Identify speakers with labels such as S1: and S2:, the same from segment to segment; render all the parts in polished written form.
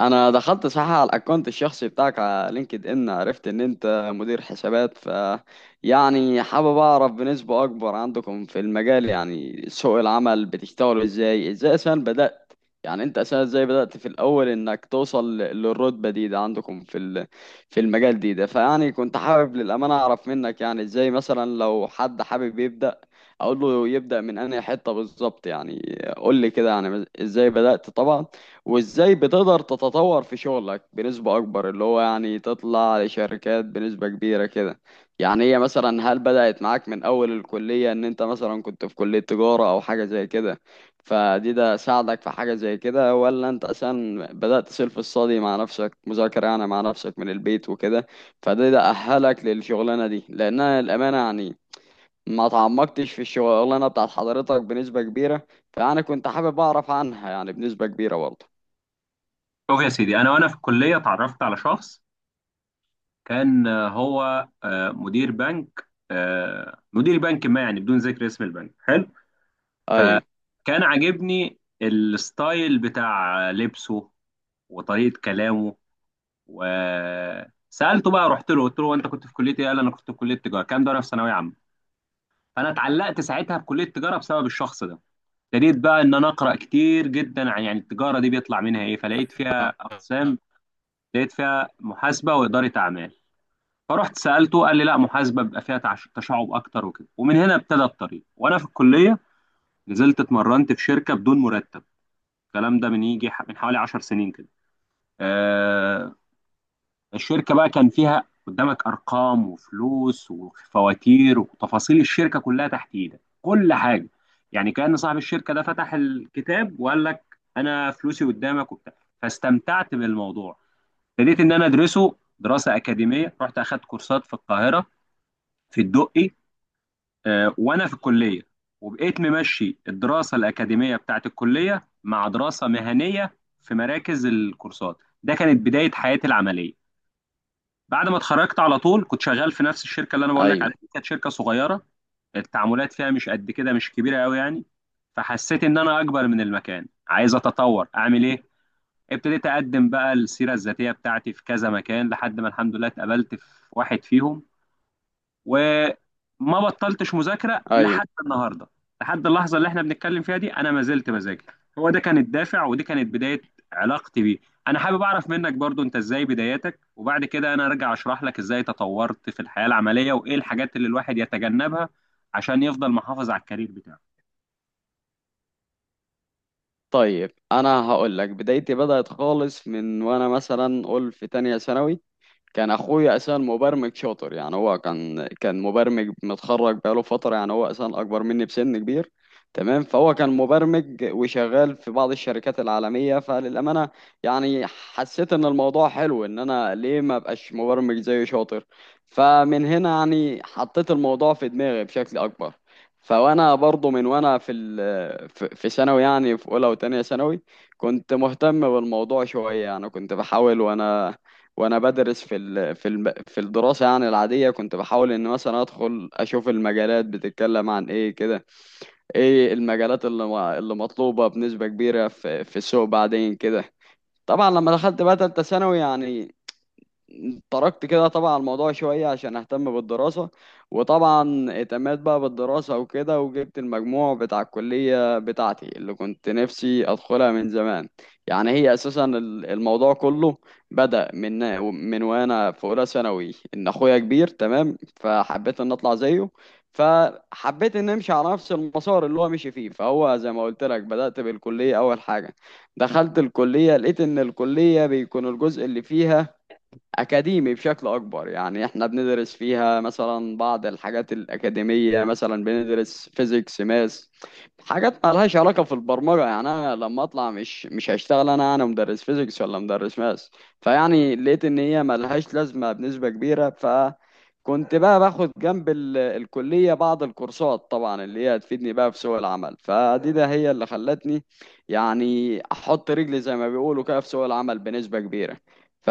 S1: انا دخلت صح على الاكونت الشخصي بتاعك على لينكد ان، عرفت ان انت مدير حسابات، ف يعني حابب اعرف بنسبة اكبر عندكم في المجال، يعني سوق العمل بتشتغلوا ازاي، ازاي اساسا بدأت في الاول انك توصل للرتبة دي، ده عندكم في المجال، دي ده فيعني كنت حابب للأمانة اعرف منك يعني ازاي مثلا لو حد حابب يبدأ اقول له يبدأ من انهي حتة بالظبط. يعني قول لي كده يعني ازاي بدأت طبعا، وازاي بتقدر تتطور في شغلك بنسبة اكبر، اللي هو يعني تطلع لشركات بنسبة كبيرة كده. يعني هي مثلا، هل بدأت معاك من اول الكلية، ان انت مثلا كنت في كلية تجارة او حاجة زي كده، فدي ده ساعدك في حاجة زي كده، ولا انت اصلا بدأت سيلف الصادي مع نفسك، مذاكرة يعني مع نفسك من البيت وكده، فده ده اهلك للشغلانة دي؟ لانها الامانة يعني ما تعمقتش في الشغلانة بتاعت حضرتك بنسبة كبيرة، فأنا كنت حابب أعرف عنها يعني بنسبة كبيرة برضه.
S2: شوف يا سيدي، انا وانا في الكليه اتعرفت على شخص. كان آه، هو آه، مدير بنك، مدير بنك ما، يعني بدون ذكر اسم البنك، حلو.
S1: ايوه.
S2: فكان عاجبني الستايل بتاع لبسه وطريقه كلامه. وسالته بقى، رحت له قلت له: انت كنت في كليه ايه؟ قال: انا كنت في كليه تجاره. كان ده وانا في ثانويه عامه. فانا اتعلقت ساعتها بكليه التجاره بسبب الشخص ده. ابتديت بقى ان انا اقرا كتير جدا عن يعني التجاره دي بيطلع منها ايه، فلقيت فيها اقسام. لقيت فيها محاسبه واداره اعمال. فرحت سالته قال لي: لا، محاسبه بيبقى فيها تشعب اكتر وكده. ومن هنا ابتدى الطريق وانا في الكليه. نزلت اتمرنت في شركه بدون مرتب. الكلام ده من يجي من حوالي 10 سنين كده. آه الشركه بقى كان فيها قدامك ارقام وفلوس وفواتير وتفاصيل الشركه كلها تحت ايدك كل حاجه. يعني كان صاحب الشركه ده فتح الكتاب وقال لك: انا فلوسي قدامك وبتاع. فاستمتعت بالموضوع. ابتديت ان انا ادرسه دراسه اكاديميه، رحت اخدت كورسات في القاهره، في الدقي، وانا في الكليه. وبقيت ممشي الدراسه الاكاديميه بتاعت الكليه مع دراسه مهنيه في مراكز الكورسات. ده كانت بدايه حياتي العمليه. بعد ما اتخرجت على طول كنت شغال في نفس الشركه اللي انا بقول لك
S1: ايوه.
S2: عليها دي، كانت شركه صغيره. التعاملات فيها مش قد كده، مش كبيره قوي يعني. فحسيت ان انا اكبر من المكان، عايز اتطور اعمل ايه. ابتديت اقدم بقى السيره الذاتيه بتاعتي في كذا مكان لحد ما الحمد لله اتقبلت في واحد فيهم. وما بطلتش مذاكره
S1: ايوه.
S2: لحد النهارده. لحد اللحظه اللي احنا بنتكلم فيها دي انا ما زلت بذاكر. هو ده كان الدافع ودي كانت بدايه علاقتي بيه. انا حابب اعرف منك برضو انت ازاي بداياتك، وبعد كده انا ارجع اشرح لك ازاي تطورت في الحياه العمليه وايه الحاجات اللي الواحد يتجنبها عشان يفضل محافظ على الكارير بتاعه.
S1: طيب انا هقول لك بدايتي، بدأت خالص من وانا مثلا قول في تانية ثانوي. كان اخويا اساسا مبرمج شاطر، يعني هو كان مبرمج متخرج بقاله فتره، يعني هو اساسا اكبر مني بسن كبير، تمام؟ فهو كان مبرمج وشغال في بعض الشركات العالميه، فللامانه يعني حسيت ان الموضوع حلو، ان انا ليه ما ابقاش مبرمج زيه شاطر. فمن هنا يعني حطيت الموضوع في دماغي بشكل اكبر. فوانا برضو من وانا في ثانوي، يعني في اولى وتانية ثانوي كنت مهتم بالموضوع شويه، يعني كنت بحاول، وانا بدرس في الدراسه يعني العاديه، كنت بحاول ان مثلا ادخل اشوف المجالات بتتكلم عن ايه كده، ايه المجالات اللي مطلوبه بنسبه كبيره في السوق بعدين كده. طبعا لما دخلت بقى تالتة ثانوي، يعني تركت كده طبعا الموضوع شوية عشان أهتم بالدراسة، وطبعا اهتميت بقى بالدراسة وكده، وجبت المجموع بتاع الكلية بتاعتي اللي كنت نفسي أدخلها من زمان. يعني هي أساسا الموضوع كله بدأ من وأنا في أولى ثانوي، إن أخويا كبير، تمام؟ فحبيت إن أطلع زيه، فحبيت إن أمشي على نفس المسار اللي هو مشي فيه. فهو زي ما قلت لك، بدأت بالكلية أول حاجة. دخلت الكلية لقيت إن الكلية بيكون الجزء اللي فيها أكاديمي بشكل أكبر، يعني إحنا بندرس فيها مثلا بعض الحاجات الأكاديمية، مثلا بندرس فيزيكس ماس، حاجات مالهاش علاقة في البرمجة، يعني أنا لما أطلع مش هشتغل. أنا مدرس فيزيكس ولا مدرس ماس؟ فيعني لقيت إن هي مالهاش لازمة بنسبة كبيرة. فكنت بقى باخد جنب الكلية بعض الكورسات، طبعا اللي هي هتفيدني بقى في سوق العمل. فدي ده هي اللي خلتني يعني أحط رجلي زي ما بيقولوا كده في سوق العمل بنسبة كبيرة. ف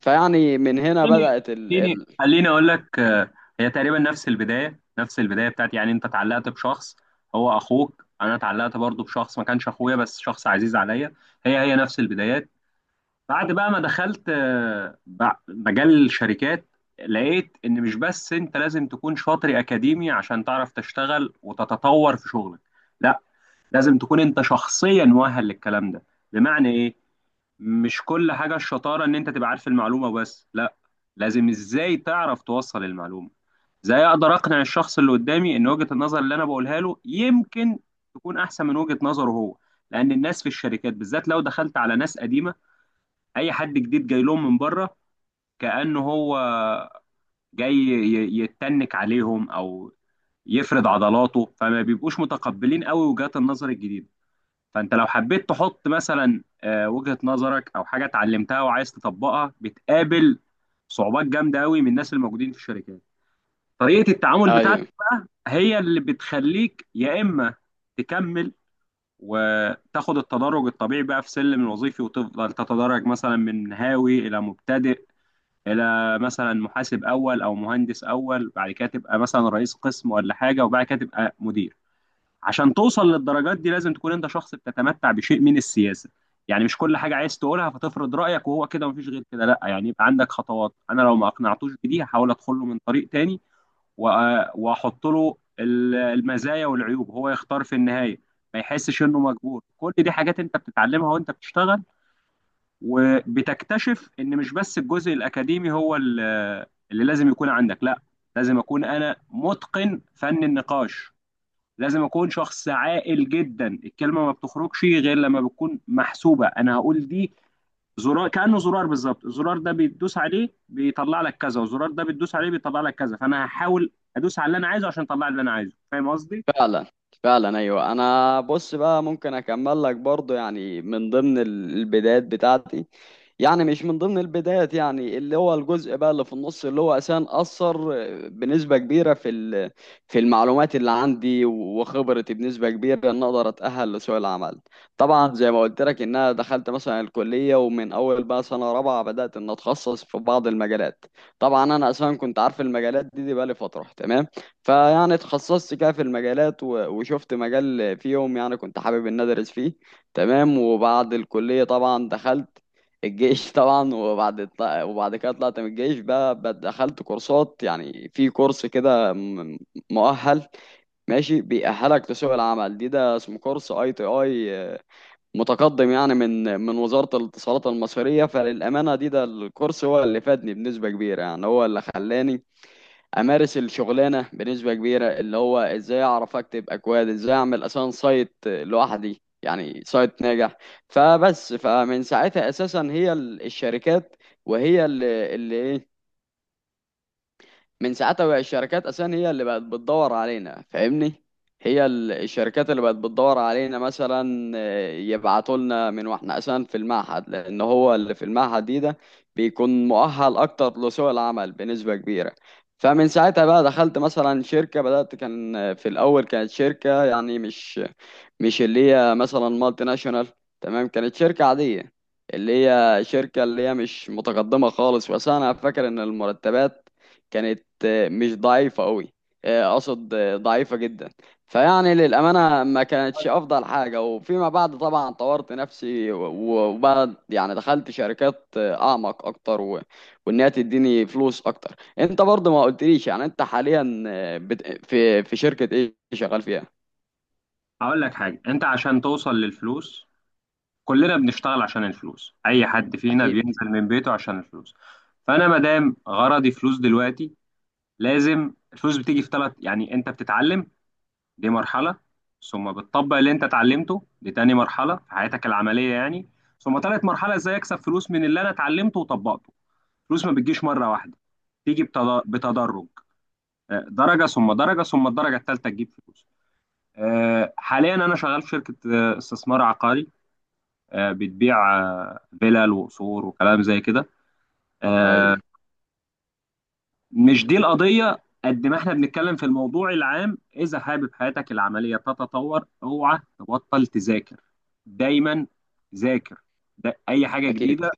S1: فيعني من هنا
S2: خليني
S1: بدأت
S2: خليني خليني اقول لك. هي تقريبا نفس البدايه بتاعتي. يعني انت اتعلقت بشخص هو اخوك، انا اتعلقت برضو بشخص ما كانش اخويا بس شخص عزيز عليا. هي نفس البدايات. بعد بقى ما دخلت مجال الشركات، لقيت ان مش بس انت لازم تكون شاطر اكاديمي عشان تعرف تشتغل وتتطور في شغلك. لا، لازم تكون انت شخصيا مؤهل للكلام ده. بمعنى ايه؟ مش كل حاجة الشطارة ان انت تبقى عارف المعلومة بس، لا، لازم ازاي تعرف توصل المعلومة. ازاي اقدر اقنع الشخص اللي قدامي ان وجهة النظر اللي انا بقولها له يمكن تكون احسن من وجهة نظره هو. لان الناس في الشركات بالذات لو دخلت على ناس قديمة، اي حد جديد جاي لهم من بره كأنه هو جاي يتنك عليهم او يفرد عضلاته، فما بيبقوش متقبلين قوي وجهات النظر الجديدة. فانت لو حبيت تحط مثلا وجهة نظرك او حاجه اتعلمتها وعايز تطبقها، بتقابل صعوبات جامده قوي من الناس الموجودين في الشركات. طريقه التعامل
S1: ايوه.
S2: بتاعتك بقى هي اللي بتخليك يا اما تكمل وتاخد التدرج الطبيعي بقى في سلم الوظيفي، وتفضل تتدرج مثلا من هاوي الى مبتدئ الى مثلا محاسب اول او مهندس اول، بعد كده تبقى مثلا رئيس قسم ولا حاجه، وبعد كده تبقى مدير. عشان توصل للدرجات دي لازم تكون انت شخص بتتمتع بشيء من السياسه. يعني مش كل حاجه عايز تقولها فتفرض رايك وهو كده ومفيش غير كده، لا، يعني يبقى عندك خطوات. انا لو ما اقنعتوش بدي، هحاول ادخل له من طريق تاني واحط له المزايا والعيوب، هو يختار في النهايه، ما يحسش انه مجبور. كل دي حاجات انت بتتعلمها وانت بتشتغل. وبتكتشف ان مش بس الجزء الاكاديمي هو اللي لازم يكون عندك. لا، لازم اكون انا متقن فن النقاش. لازم اكون شخص عاقل جدا. الكلمه ما بتخرجش غير لما بتكون محسوبه. انا هقول دي زرار، كانه زرار بالظبط. الزرار ده بتدوس عليه بيطلع لك كذا، والزرار ده بتدوس عليه بيطلع لك كذا. فانا هحاول ادوس على اللي انا عايزه عشان اطلع اللي انا عايزه. فاهم قصدي؟
S1: فعلا. فعلا، ايوه. انا بص بقى، ممكن اكمل لك برضو يعني من ضمن البدايات بتاعتي. يعني مش من ضمن البدايات، يعني اللي هو الجزء بقى اللي في النص، اللي هو اساسا اثر بنسبه كبيره في في المعلومات اللي عندي وخبرتي بنسبه كبيره، ان اقدر اتاهل لسوق العمل. طبعا زي ما قلت لك ان انا دخلت مثلا الكليه، ومن اول بقى سنه رابعه بدات ان اتخصص في بعض المجالات. طبعا انا اساسا كنت عارف المجالات دي, بقى لي فتره، تمام؟ فيعني اتخصصت كده في المجالات، وشفت مجال فيهم يعني كنت حابب ان ادرس فيه، تمام. وبعد الكليه طبعا دخلت الجيش طبعا، وبعد كده طلعت من الجيش، بقى دخلت كورسات، يعني في كورس كده مؤهل، ماشي، بيأهلك لسوق العمل. دي ده اسمه كورس اي تي اي متقدم، يعني من وزارة الاتصالات المصرية. فللأمانة دي ده الكورس هو اللي فادني بنسبة كبيرة، يعني هو اللي خلاني امارس الشغلانه بنسبه كبيره، اللي هو ازاي اعرف اكتب اكواد، ازاي اعمل اصلا سايت لوحدي، يعني سايت ناجح. فبس، فمن ساعتها اساسا هي ال- الشركات وهي اللي اللي إيه، من ساعتها بقى الشركات اساسا هي اللي بقت بتدور علينا، فاهمني؟ هي الشركات اللي بقت بتدور علينا، مثلا يبعتوا لنا من واحنا اساسا في المعهد، لان هو اللي في المعهد دي ده بيكون مؤهل اكتر لسوق العمل بنسبة كبيرة. فمن ساعتها بقى دخلت مثلا شركة، بدأت كان في الأول كانت شركة يعني مش اللي هي مثلا مالتي ناشونال، تمام؟ كانت شركة عادية، اللي هي شركة اللي هي مش متقدمة خالص. بس أنا فاكر إن المرتبات كانت مش ضعيفة قوي، اقصد ضعيفة جدا. فيعني للأمانة ما كانتش أفضل حاجة. وفيما بعد طبعا طورت نفسي وبعد يعني دخلت شركات أعمق أكتر، وإنها تديني فلوس أكتر. أنت برضه ما قلتليش يعني أنت حاليا آه، بت... في في شركة إيه شغال فيها؟
S2: هقول لك حاجه. انت عشان توصل للفلوس، كلنا بنشتغل عشان الفلوس، اي حد فينا
S1: أكيد.
S2: بينزل من بيته عشان الفلوس. فانا ما دام غرضي فلوس دلوقتي، لازم الفلوس بتيجي في ثلاث. يعني انت بتتعلم، دي مرحلة. ثم بتطبق اللي انت اتعلمته، دي تاني مرحلة في حياتك العملية يعني. ثم تالت مرحلة ازاي اكسب فلوس من اللي انا اتعلمته وطبقته. الفلوس ما بتجيش مرة واحدة، تيجي بتدرج. درجة ثم درجة ثم الدرجة التالتة تجيب فلوس. حاليا انا شغال في شركة استثمار عقاري. بتبيع فيلل وقصور وكلام زي كده. آه،
S1: أيوه.
S2: مش دي القضية. قد ما احنا بنتكلم في الموضوع العام، إذا حابب حياتك العملية تتطور اوعى تبطل تذاكر. دايما ذاكر، ده أي حاجة
S1: أكيد.
S2: جديدة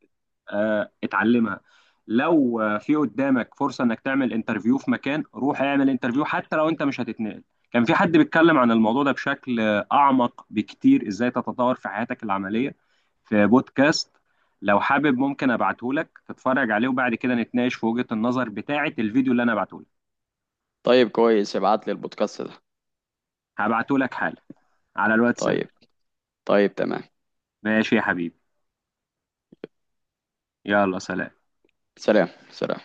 S2: اتعلمها. لو في قدامك فرصة انك تعمل انترفيو في مكان روح اعمل انترفيو حتى لو انت مش هتتنقل. كان في حد بيتكلم عن الموضوع ده بشكل اعمق بكتير ازاي تتطور في حياتك العملية في بودكاست. لو حابب ممكن ابعته لك تتفرج عليه وبعد كده نتناقش في وجهة النظر بتاعة الفيديو اللي انا بعته لك.
S1: طيب كويس، ابعت لي البودكاست ده.
S2: هبعته لك حالا على الواتساب.
S1: طيب. طيب تمام.
S2: ماشي يا حبيبي. يلا سلام.
S1: سلام سلام.